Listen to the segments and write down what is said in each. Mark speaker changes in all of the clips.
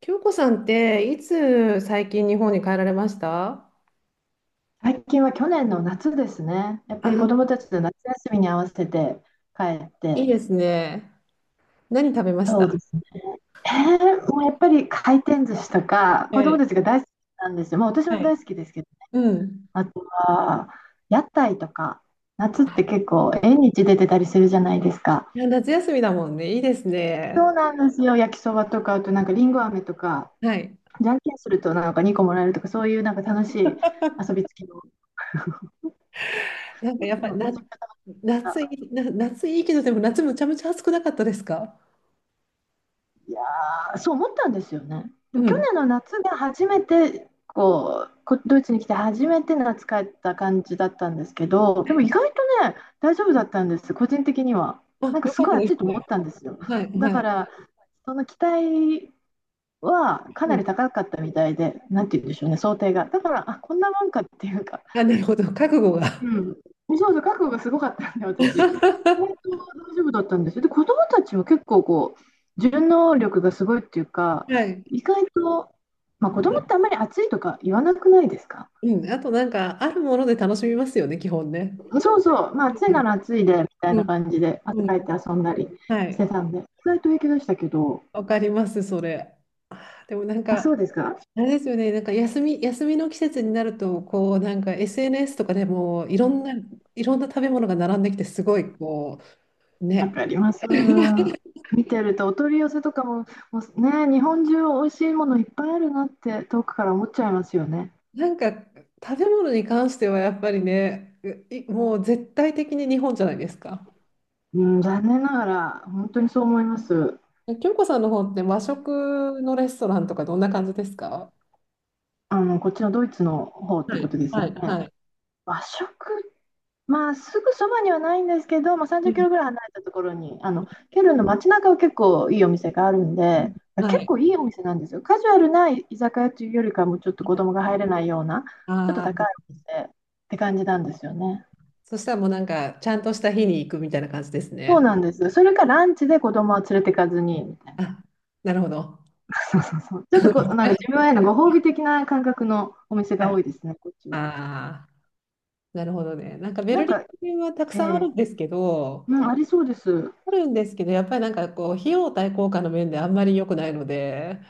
Speaker 1: 京子さんっていつ最近日本に帰られました？
Speaker 2: 最近は去年の夏ですね。やっぱり子
Speaker 1: あ、
Speaker 2: 供たちの夏休みに合わせて帰っ
Speaker 1: いい
Speaker 2: て、
Speaker 1: ですね。何食べまし
Speaker 2: そうで
Speaker 1: た？
Speaker 2: すね。えもうやっぱり回転寿司とか、子
Speaker 1: は
Speaker 2: 供
Speaker 1: い。
Speaker 2: たちが大好きなんですよ。もう私も
Speaker 1: はい。
Speaker 2: 大好きですけど、
Speaker 1: うん。
Speaker 2: あとは屋台とか、夏って結構縁日出てたりするじゃないですか。
Speaker 1: いや夏休みだもんね。いいです
Speaker 2: そ
Speaker 1: ね。
Speaker 2: うなんですよ。焼きそばとか、あとなんかりんご飴とか、
Speaker 1: はい。
Speaker 2: じゃんけんするとなんか2個もらえるとか、そういうなんか楽しい遊びつきの。
Speaker 1: なんか
Speaker 2: う
Speaker 1: やっぱり
Speaker 2: ん、
Speaker 1: な
Speaker 2: めちゃくちゃ楽しかった。
Speaker 1: 夏いいけど、でも夏むちゃむちゃ暑くなかったですか？
Speaker 2: あー、そう思ったんですよね。で
Speaker 1: う
Speaker 2: も去
Speaker 1: ん。
Speaker 2: 年の夏が初めてこうこドイツに来て初めて夏帰った感じだったんですけど、でも意外とね、大丈夫だったんです、個人的には。な
Speaker 1: あ、
Speaker 2: んか
Speaker 1: よ
Speaker 2: す
Speaker 1: かっ
Speaker 2: ご
Speaker 1: た
Speaker 2: い
Speaker 1: で
Speaker 2: 暑い
Speaker 1: す
Speaker 2: と思
Speaker 1: ね。
Speaker 2: ったんですよ。
Speaker 1: はい、
Speaker 2: だ
Speaker 1: は
Speaker 2: か
Speaker 1: い。
Speaker 2: らその期待はか
Speaker 1: う
Speaker 2: な
Speaker 1: ん。
Speaker 2: り高かったみたいで、なんて言うんでしょうね、想定が。だから、あ、こんなもんかっていうか、
Speaker 1: あ、なるほど。覚悟が。
Speaker 2: うん。そうそう、覚悟がすごかったんで、私。意外と 大丈夫だったんですよ。で、子供たちも結構こう、順応力がすごいっていうか、
Speaker 1: はい。
Speaker 2: 意外と、まあ、子供ってあんまり暑いとか言わなくないですか？
Speaker 1: うん。あとなんか、あるもので楽しみますよね、基本ね。
Speaker 2: そうそう、まあ、
Speaker 1: う
Speaker 2: 暑いな
Speaker 1: ん、
Speaker 2: ら暑いで、みたい
Speaker 1: う
Speaker 2: な
Speaker 1: ん、
Speaker 2: 感じで、汗
Speaker 1: う
Speaker 2: かい
Speaker 1: ん。
Speaker 2: て遊んだり
Speaker 1: は
Speaker 2: して
Speaker 1: い。
Speaker 2: たんで、意外と平気でしたけど、
Speaker 1: わかります、それ。あでもなん
Speaker 2: まあ、そ
Speaker 1: か、
Speaker 2: うですか。
Speaker 1: あれですよね、なんか休みの季節になると、こう、なんか SNS とかでも、いろんな食べ物が並んできて、すごい、こう、
Speaker 2: わ
Speaker 1: ね。
Speaker 2: かります。見てると、お取り寄せとかも、もうね、日本中美味しいものいっぱいあるなって、遠くから思っちゃいますよね。
Speaker 1: なんか、食べ物に関してはやっぱりね、もう絶対的に日本じゃないですか。
Speaker 2: うん、残念ながら、本当にそう思います。
Speaker 1: 京子さんの方って和食のレストランとかどんな感じですか？
Speaker 2: こっちのドイツの方っ
Speaker 1: は
Speaker 2: てこ
Speaker 1: い、
Speaker 2: とです
Speaker 1: は
Speaker 2: よ
Speaker 1: い、
Speaker 2: ね。
Speaker 1: はい。
Speaker 2: 和食、まあ、すぐそばにはないんですけど、まあ、
Speaker 1: う
Speaker 2: 30キ
Speaker 1: ん。
Speaker 2: ロぐらい離れたところに、ケルンの街中は結構いいお店があるん
Speaker 1: うん。
Speaker 2: で、
Speaker 1: は
Speaker 2: 結
Speaker 1: い。
Speaker 2: 構いいお店なんですよ。カジュアルな居酒屋というよりかも、ちょっと子
Speaker 1: はい。
Speaker 2: 供が入れないような、ちょっと
Speaker 1: あ
Speaker 2: 高い
Speaker 1: あ、
Speaker 2: お店って感じなんですよね。
Speaker 1: そしたらもうなんか、ちゃんとした日に行くみたいな感じです
Speaker 2: そう
Speaker 1: ね。
Speaker 2: なんです。それかランチで子供は連れてかずに、みたいな。
Speaker 1: あ、なるほど。
Speaker 2: そうそうそう。ちょっとこう、なんか自 分へのご褒美的な感覚のお店
Speaker 1: はい。
Speaker 2: が多
Speaker 1: あ
Speaker 2: いですね、こっちは。
Speaker 1: あー、なるほどね。なんかベ
Speaker 2: な
Speaker 1: ル
Speaker 2: ん
Speaker 1: リ
Speaker 2: か、
Speaker 1: ンはたく
Speaker 2: え
Speaker 1: さんある
Speaker 2: え、
Speaker 1: んですけど、
Speaker 2: うん、ありそうです。
Speaker 1: あるんですけど、やっぱりなんかこう、費用対効果の面であんまり良くないので、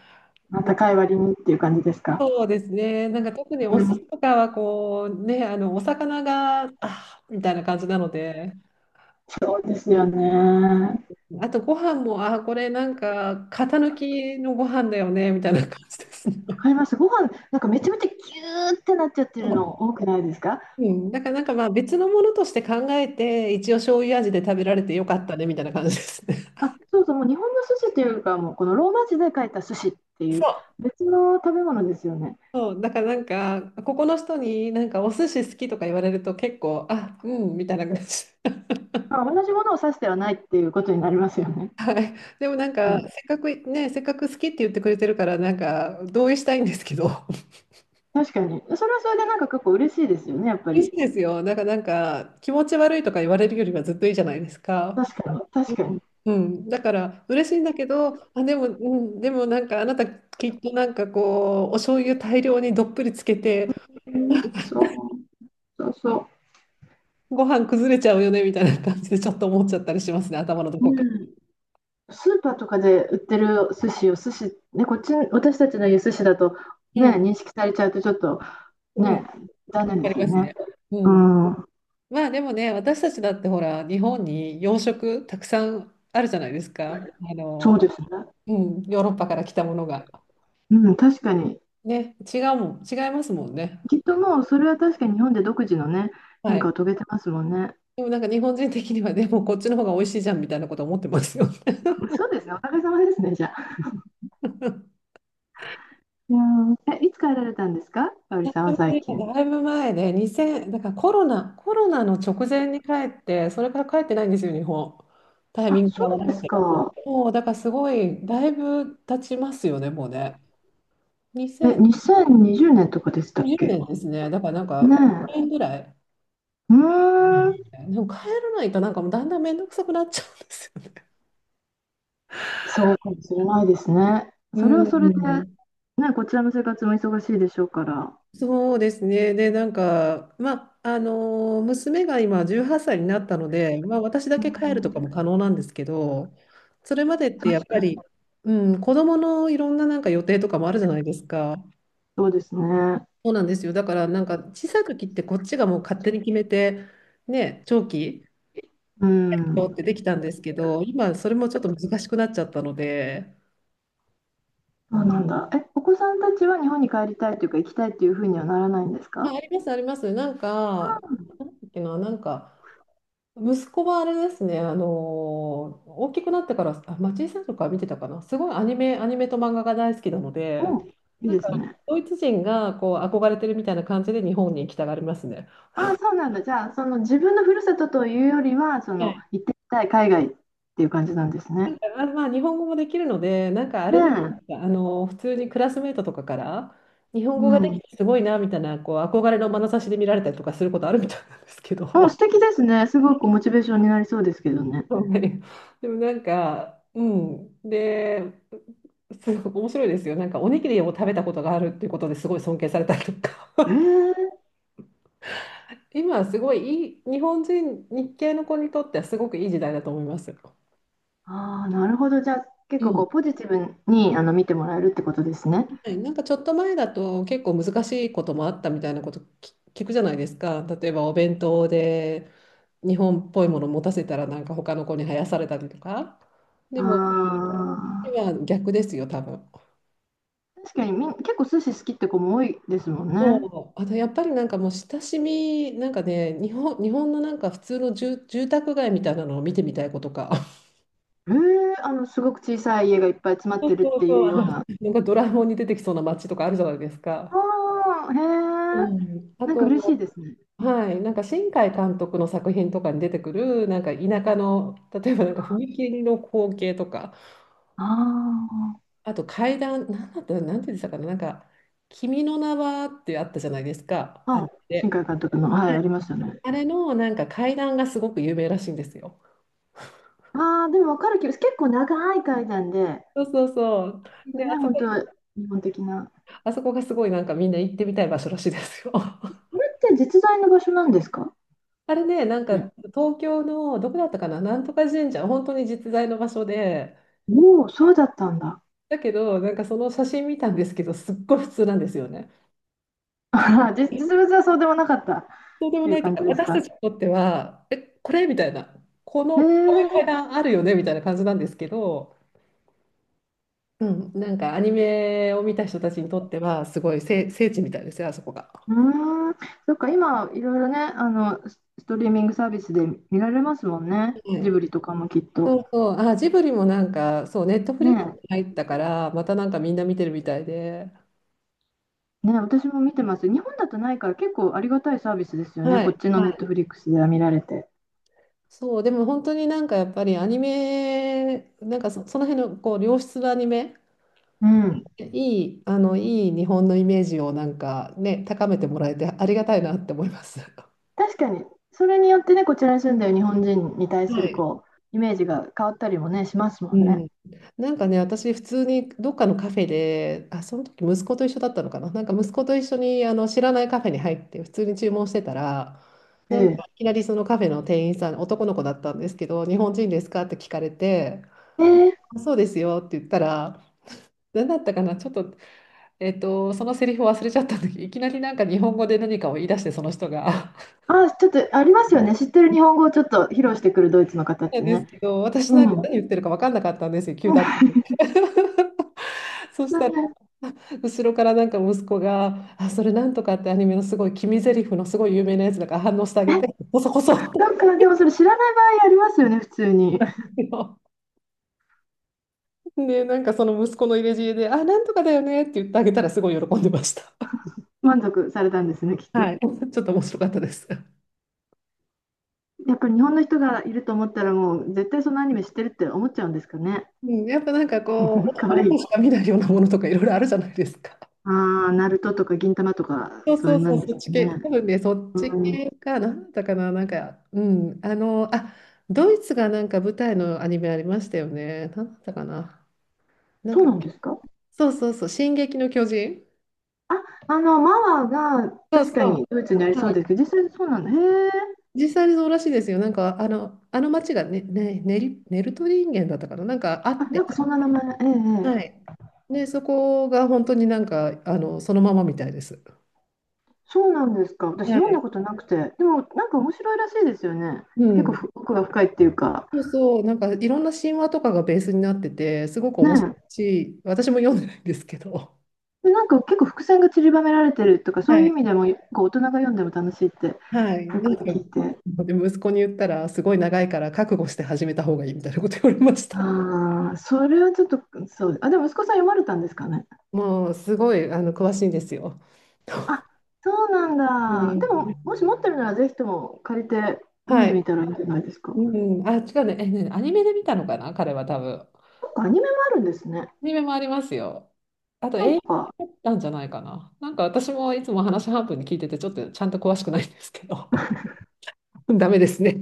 Speaker 2: まあ、高い割にっていう感じですか。
Speaker 1: そうですね、なんか特にお
Speaker 2: う
Speaker 1: 寿司
Speaker 2: ん、
Speaker 1: とかはこう、ね、あのお魚が、あーみたいな感じなので、
Speaker 2: そうですよね。
Speaker 1: あとご飯も、あー、これなんか、型抜きのご飯だよね、みたいな感じです
Speaker 2: わか
Speaker 1: ね。
Speaker 2: ります。ご飯、なんかめちゃめちゃギューってなっちゃっ てる
Speaker 1: そ
Speaker 2: の多くないですか？
Speaker 1: ううん、だからなんかまあ別のものとして考えて、一応醤油味で食べられてよかったね、みたいな感じですね。
Speaker 2: あ、そうそう、もう日本の寿司というかもうこのローマ字で書いた寿司っていう
Speaker 1: そ
Speaker 2: 別の食べ物ですよね。
Speaker 1: う。そう、だからなんか、ここの人になんかお寿司好きとか言われると結構、あ、うん、みたいな感じ。
Speaker 2: まあ、同じものを指してはないっていうことになりますよね。
Speaker 1: でもなん
Speaker 2: う
Speaker 1: か、せ
Speaker 2: ん、
Speaker 1: っかくね、せっかく好きって言ってくれてるから、なんか同意したいんですけど、
Speaker 2: 確かに。それはそれでなんか結構嬉しいですよね、やっぱ
Speaker 1: いい
Speaker 2: り。
Speaker 1: ですよ。なんか気持ち悪いとか言われるよりはずっといいじゃないですか。
Speaker 2: 確かに、
Speaker 1: う
Speaker 2: 確か
Speaker 1: ん、
Speaker 2: に。
Speaker 1: うんだから嬉しいんだけど、あ、でも、うん、でもなんかあなたきっとなんかこう、お醤油大量にどっぷりつけて、
Speaker 2: うんそう、そうそ
Speaker 1: ご飯崩れちゃうよねみたいな感じでちょっと思っちゃったりしますね、頭のど
Speaker 2: う。
Speaker 1: こか。
Speaker 2: うん。スーパーとかで売ってる寿司を寿司、ね、こっち、私たちの言う寿司だと、
Speaker 1: う
Speaker 2: ね、
Speaker 1: ん。
Speaker 2: 認識されちゃうとちょっと
Speaker 1: うん。わ
Speaker 2: ね、残念
Speaker 1: か
Speaker 2: で
Speaker 1: り
Speaker 2: すよ
Speaker 1: ます
Speaker 2: ね。
Speaker 1: ね。う
Speaker 2: う
Speaker 1: ん。
Speaker 2: ん、
Speaker 1: まあでもね、私たちだってほら、日本に洋食たくさんあるじゃないですか。あ
Speaker 2: そう
Speaker 1: の、
Speaker 2: ですね。
Speaker 1: うん、ヨーロッパから来たものが。
Speaker 2: うん、確かに。
Speaker 1: ね、違うもん、違いますもんね。
Speaker 2: きっともうそれは確かに日本で独自のね、変
Speaker 1: は
Speaker 2: 化
Speaker 1: い。
Speaker 2: を遂げてますもんね。
Speaker 1: でもなんか日本人的にはでもこっちの方が美味しいじゃんみたいなこと思ってますよ。
Speaker 2: そうですね、おかげさまですね、じゃあ。いや、いつ帰られたんですか、かおり
Speaker 1: 私
Speaker 2: さんは
Speaker 1: も
Speaker 2: 最
Speaker 1: ね、
Speaker 2: 近。
Speaker 1: だいぶ前で2000、だからコロナの直前に帰って、それから帰ってないんですよ、日本。タイ
Speaker 2: あ、
Speaker 1: ミング
Speaker 2: そ
Speaker 1: が合わ
Speaker 2: うで
Speaker 1: なく
Speaker 2: す
Speaker 1: て。
Speaker 2: か。
Speaker 1: もうだからすごい、だいぶ経ちますよね、もうね。
Speaker 2: え、
Speaker 1: 2000、
Speaker 2: 2020年とかでしたっ
Speaker 1: 10
Speaker 2: け？
Speaker 1: 年ですね。だからなん
Speaker 2: ね
Speaker 1: か、1
Speaker 2: え。
Speaker 1: 年ぐらい。うん。
Speaker 2: うーん、
Speaker 1: でも帰らないとなんかもうだんだん面倒くさくなっちゃうんですよね。
Speaker 2: そうかもしれないですね。
Speaker 1: う
Speaker 2: それはそれで
Speaker 1: ん、
Speaker 2: ね、こちらの生活も忙しいでしょうから。
Speaker 1: そうですね。で、なんか、まあ、あの娘が今18歳になったので、まあ、私だ
Speaker 2: う
Speaker 1: け帰ると
Speaker 2: ん、
Speaker 1: かも可能なんですけど、それまでって
Speaker 2: 確
Speaker 1: やっぱ
Speaker 2: かに。
Speaker 1: り、うん、子供のいろんななんか予定とかもあるじゃないですか。
Speaker 2: そうですね。
Speaker 1: そうなんですよ。だからなんか小さい時ってこっちがもう勝手に決めて、ね、長期
Speaker 2: う
Speaker 1: よっ
Speaker 2: ん。
Speaker 1: てできたんですけど、今それもちょっと難しくなっちゃったので、
Speaker 2: そうなんだ。え、お子さんたちは日本に帰りたいというか、行きたいっていうふうにはならないんですか？
Speaker 1: あ、あります、あります。なんか、なんだっけな、なんか、息子はあれですね、あの大きくなってから、あ、町井さんとか見てたかな、すごいアニメと漫画が大好きなので、
Speaker 2: もう、いい
Speaker 1: なん
Speaker 2: で
Speaker 1: か、
Speaker 2: すね。
Speaker 1: ドイツ人がこう憧れてるみたいな感じで日本に行きたがりますね。
Speaker 2: ああ、そうなんだ。じゃあ、その自分のふるさとというよりは、その行ってみたい海外っていう感じなんです
Speaker 1: な
Speaker 2: ね。
Speaker 1: んかまあまあ、日本語もできるので、なんかあ
Speaker 2: ね
Speaker 1: れじゃないです
Speaker 2: え。
Speaker 1: か、あの、普通にクラスメートとかから、日本
Speaker 2: う
Speaker 1: 語がで
Speaker 2: ん。
Speaker 1: きてすごいなみたいな、こう憧れの眼差しで見られたりとかすることあるみたいなんですけど、
Speaker 2: あ、
Speaker 1: はい。
Speaker 2: 素敵ですね。すごくモチベーションになりそうですけど ね。
Speaker 1: でもなんか、うん、で、すごく面白いですよ、なんかおにぎりを食べたことがあるっていうことですごい尊敬されたりとか、
Speaker 2: ええ、
Speaker 1: 今はすごいいい、日本人、日系の子にとってはすごくいい時代だと思います。
Speaker 2: ああ、なるほど。じゃあ、結
Speaker 1: う
Speaker 2: 構こ
Speaker 1: ん。
Speaker 2: うポジティブに見てもらえるってことですね。
Speaker 1: はい。なんかちょっと前だと結構難しいこともあったみたいなこと聞くじゃないですか。例えばお弁当で日本っぽいものを持たせたらなんか他の子に生やされたりとか。でも
Speaker 2: ああ、
Speaker 1: 今は逆ですよ、多分。
Speaker 2: 確かに結構寿司好きって子も多いですもんね。
Speaker 1: そう、あとやっぱりなんかもう親しみ、なんかね、日本のなんか普通の住宅街みたいなのを見てみたいことか。
Speaker 2: へえ、すごく小さい家がいっぱい詰 まっ
Speaker 1: そう
Speaker 2: てるって
Speaker 1: そう、
Speaker 2: い う
Speaker 1: あ
Speaker 2: よう
Speaker 1: の、
Speaker 2: な。
Speaker 1: なんかドラえもんに出てきそうな街とかあるじゃないですか。
Speaker 2: ああ、
Speaker 1: う
Speaker 2: へえ、
Speaker 1: ん、あ
Speaker 2: なんか嬉しい
Speaker 1: と、
Speaker 2: ですね。
Speaker 1: はい、なんか新海監督の作品とかに出てくるなんか田舎の、例えばなんか踏切の光景とか、
Speaker 2: あ
Speaker 1: あと階段なんだったなんて言ってたかな、なんか「君の名は」ってあったじゃないですか、あ
Speaker 2: あ、あ、
Speaker 1: メ
Speaker 2: 新
Speaker 1: で、
Speaker 2: 海監督の、はい、ありましたね。
Speaker 1: あれのなんか階段がすごく有名らしいんですよ。
Speaker 2: ああ、でも分かる気がする。結構長い階段で、
Speaker 1: そうそうそう。
Speaker 2: これが
Speaker 1: で、あ
Speaker 2: ね、
Speaker 1: そ
Speaker 2: 本
Speaker 1: こ、
Speaker 2: 当日本的な。
Speaker 1: あそこがすごいなんかみんな行ってみたい場所らしいですよ。
Speaker 2: これって実在の場所なんですか
Speaker 1: あれね、なんか
Speaker 2: ね。
Speaker 1: 東京のどこだったかな、なんとか神社、本当に実在の場所で、
Speaker 2: おお、そうだったんだ。
Speaker 1: だけど、なんかその写真見たんですけど、すっごい普通なんですよね。
Speaker 2: あらじ実物はそうでもなかったっ
Speaker 1: そうでも
Speaker 2: ていう
Speaker 1: ないという
Speaker 2: 感じ
Speaker 1: か、
Speaker 2: です
Speaker 1: 私
Speaker 2: か。
Speaker 1: たちにとっては、え、これみたいな、
Speaker 2: へ
Speaker 1: こ
Speaker 2: え、
Speaker 1: ういう階段あるよねみたいな感じなんですけど、うん、なんかアニメを見た人たちにとっては、すごい聖地みたいですよ、あそこが。
Speaker 2: うーん、そっか、今、いろいろね、スストリーミングサービスで見られますもんね。
Speaker 1: は
Speaker 2: ジブ
Speaker 1: い、
Speaker 2: リとかもきっと。
Speaker 1: そうそう、あ、ジブリもなんか、そう、ネットフ
Speaker 2: ね
Speaker 1: リックスに入ったから、またなんかみんな見てるみたいで、
Speaker 2: え、ねえ、私も見てます。日本だとないから結構ありがたいサービスですよね。
Speaker 1: は
Speaker 2: こっ
Speaker 1: い、
Speaker 2: ちの
Speaker 1: は
Speaker 2: ネッ
Speaker 1: い。
Speaker 2: トフリックスでは見られて。
Speaker 1: そう、でも本当になんかやっぱりアニメ、なんかその辺のこう良質なアニメ、
Speaker 2: うん。
Speaker 1: いい日本のイメージをなんかね、高めてもらえてありがたいなって思います。
Speaker 2: 確かに、それによってね、こちらに住んでる日本人に対す
Speaker 1: は
Speaker 2: る
Speaker 1: い。
Speaker 2: こう、イメージが変わったりもね、しますも
Speaker 1: う
Speaker 2: んね。
Speaker 1: ん、なんかね、私、普通にどっかのカフェで、あ、その時息子と一緒だったのかな、なんか息子と一緒にあの知らないカフェに入って、普通に注文してたら、
Speaker 2: え
Speaker 1: なんか
Speaker 2: え。
Speaker 1: いきなりそのカフェの店員さん、男の子だったんですけど、日本人ですかって聞かれて、
Speaker 2: ええ。
Speaker 1: あそうですよって言ったら、何だったかな、ちょっと、そのセリフを忘れちゃったんだけど、いきなりなんか日本語で何かを言い出して、その人が。
Speaker 2: あ、ちょっとありますよね。知ってる日本語をちょっと披露してくるドイツの方っ
Speaker 1: なん
Speaker 2: て
Speaker 1: です
Speaker 2: ね。
Speaker 1: けど、私
Speaker 2: う
Speaker 1: なんか
Speaker 2: ん。
Speaker 1: 何言ってるか分かんなかったんですよ、急だったん で。そしたら、後ろからなんか息子が、あ、それなんとかってアニメのすごい君ゼリフのすごい有名なやつだから反応してあげて、こそこそっ
Speaker 2: なん
Speaker 1: て
Speaker 2: か、でもそれ知らない場合ありますよね、普通に。
Speaker 1: 言うの。で、なんかその息子の入れ知恵で、あ、なんとかだよねって言ってあげたらすごい喜んでました。
Speaker 2: 満足されたんですね、きっ
Speaker 1: は
Speaker 2: と。
Speaker 1: い。ちょっと面白かったです。
Speaker 2: やっぱり日本の人がいると思ったらもう絶対そのアニメ知ってるって思っちゃうんですかね。
Speaker 1: うん、やっぱなんかこう、
Speaker 2: か
Speaker 1: 男
Speaker 2: わ
Speaker 1: の
Speaker 2: いい。
Speaker 1: 子しか見ないようなものとかいろいろあるじゃないですか。
Speaker 2: ああ、ナルトとか銀魂とか
Speaker 1: そう
Speaker 2: そうい
Speaker 1: そ
Speaker 2: う
Speaker 1: う
Speaker 2: のなん
Speaker 1: そう、
Speaker 2: です
Speaker 1: そっ
Speaker 2: か
Speaker 1: ち系、多
Speaker 2: ね。
Speaker 1: 分ね、そっち
Speaker 2: うん、
Speaker 1: 系かな、なんだったかな、なんか、うん、あの、あ、ドイツがなんか舞台のアニメありましたよね、なんだったかな、なん
Speaker 2: そう
Speaker 1: か、
Speaker 2: なんですか？
Speaker 1: そうそうそう、進撃の巨人、
Speaker 2: マワが
Speaker 1: そう
Speaker 2: 確
Speaker 1: そ
Speaker 2: かにドイツにあり
Speaker 1: う、
Speaker 2: そうで
Speaker 1: は
Speaker 2: すけど、実際そうなんだ。へえ。
Speaker 1: い、実際にそうらしいですよ、なんか、あの、あの町がね、ネルトリンゲンだったかな、なんかあ
Speaker 2: あ、
Speaker 1: っ
Speaker 2: な
Speaker 1: て、
Speaker 2: んかそんな名前。えええ
Speaker 1: は
Speaker 2: え、
Speaker 1: い、で、そこが本当になんか、あの、そのままみたいです。
Speaker 2: そうなんですか。私
Speaker 1: は
Speaker 2: 読んだ
Speaker 1: い、
Speaker 2: ことなくて。でもなんか面白いらしいですよね。
Speaker 1: う
Speaker 2: 結構
Speaker 1: ん。
Speaker 2: ふ奥が深いっていうか。
Speaker 1: そうそう、なんかいろんな神話とかがベースになってて、すごく
Speaker 2: ね
Speaker 1: 面白
Speaker 2: え。
Speaker 1: いし、私も読んでないんですけど、
Speaker 2: で、なんか結構伏線が散りばめられてるとか、
Speaker 1: は
Speaker 2: そういう意
Speaker 1: い。
Speaker 2: 味でも、こう大人が読んでも楽しいってよ
Speaker 1: はい、なん
Speaker 2: く
Speaker 1: か、
Speaker 2: 聞いて。
Speaker 1: で息子に言ったら、すごい長いから覚悟して始めた方がいいみたいなこと言われました。
Speaker 2: ああ、それはちょっと、そう、あ、でも息子さん読まれたんですかね。
Speaker 1: もう、すごい、あの、詳しいんですよ。
Speaker 2: あ、そうな
Speaker 1: う
Speaker 2: んだ。で
Speaker 1: ん、
Speaker 2: も、もし持ってるなら、ぜひとも借りて読ん
Speaker 1: は
Speaker 2: で
Speaker 1: い。
Speaker 2: みたらいいんじゃないですか。
Speaker 1: う
Speaker 2: な
Speaker 1: ん、あ、違うね、え、ね、アニメで見たのかな、彼は多分。ア
Speaker 2: んかアニメもあるんですね。
Speaker 1: ニメもありますよ。あと、
Speaker 2: な
Speaker 1: 映
Speaker 2: んか、
Speaker 1: 画だったんじゃないかな。なんか私もいつも話半分に聞いてて、ちょっとちゃんと詳しくないんですけど、ダメですね。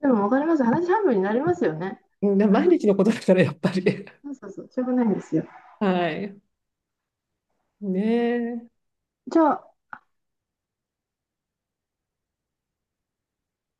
Speaker 2: でもわかります。話半分になりますよね。
Speaker 1: うん、毎日のことだからやっぱり。
Speaker 2: そうそうそう、しょうがないんですよ。
Speaker 1: はい。ねえ。
Speaker 2: じゃあ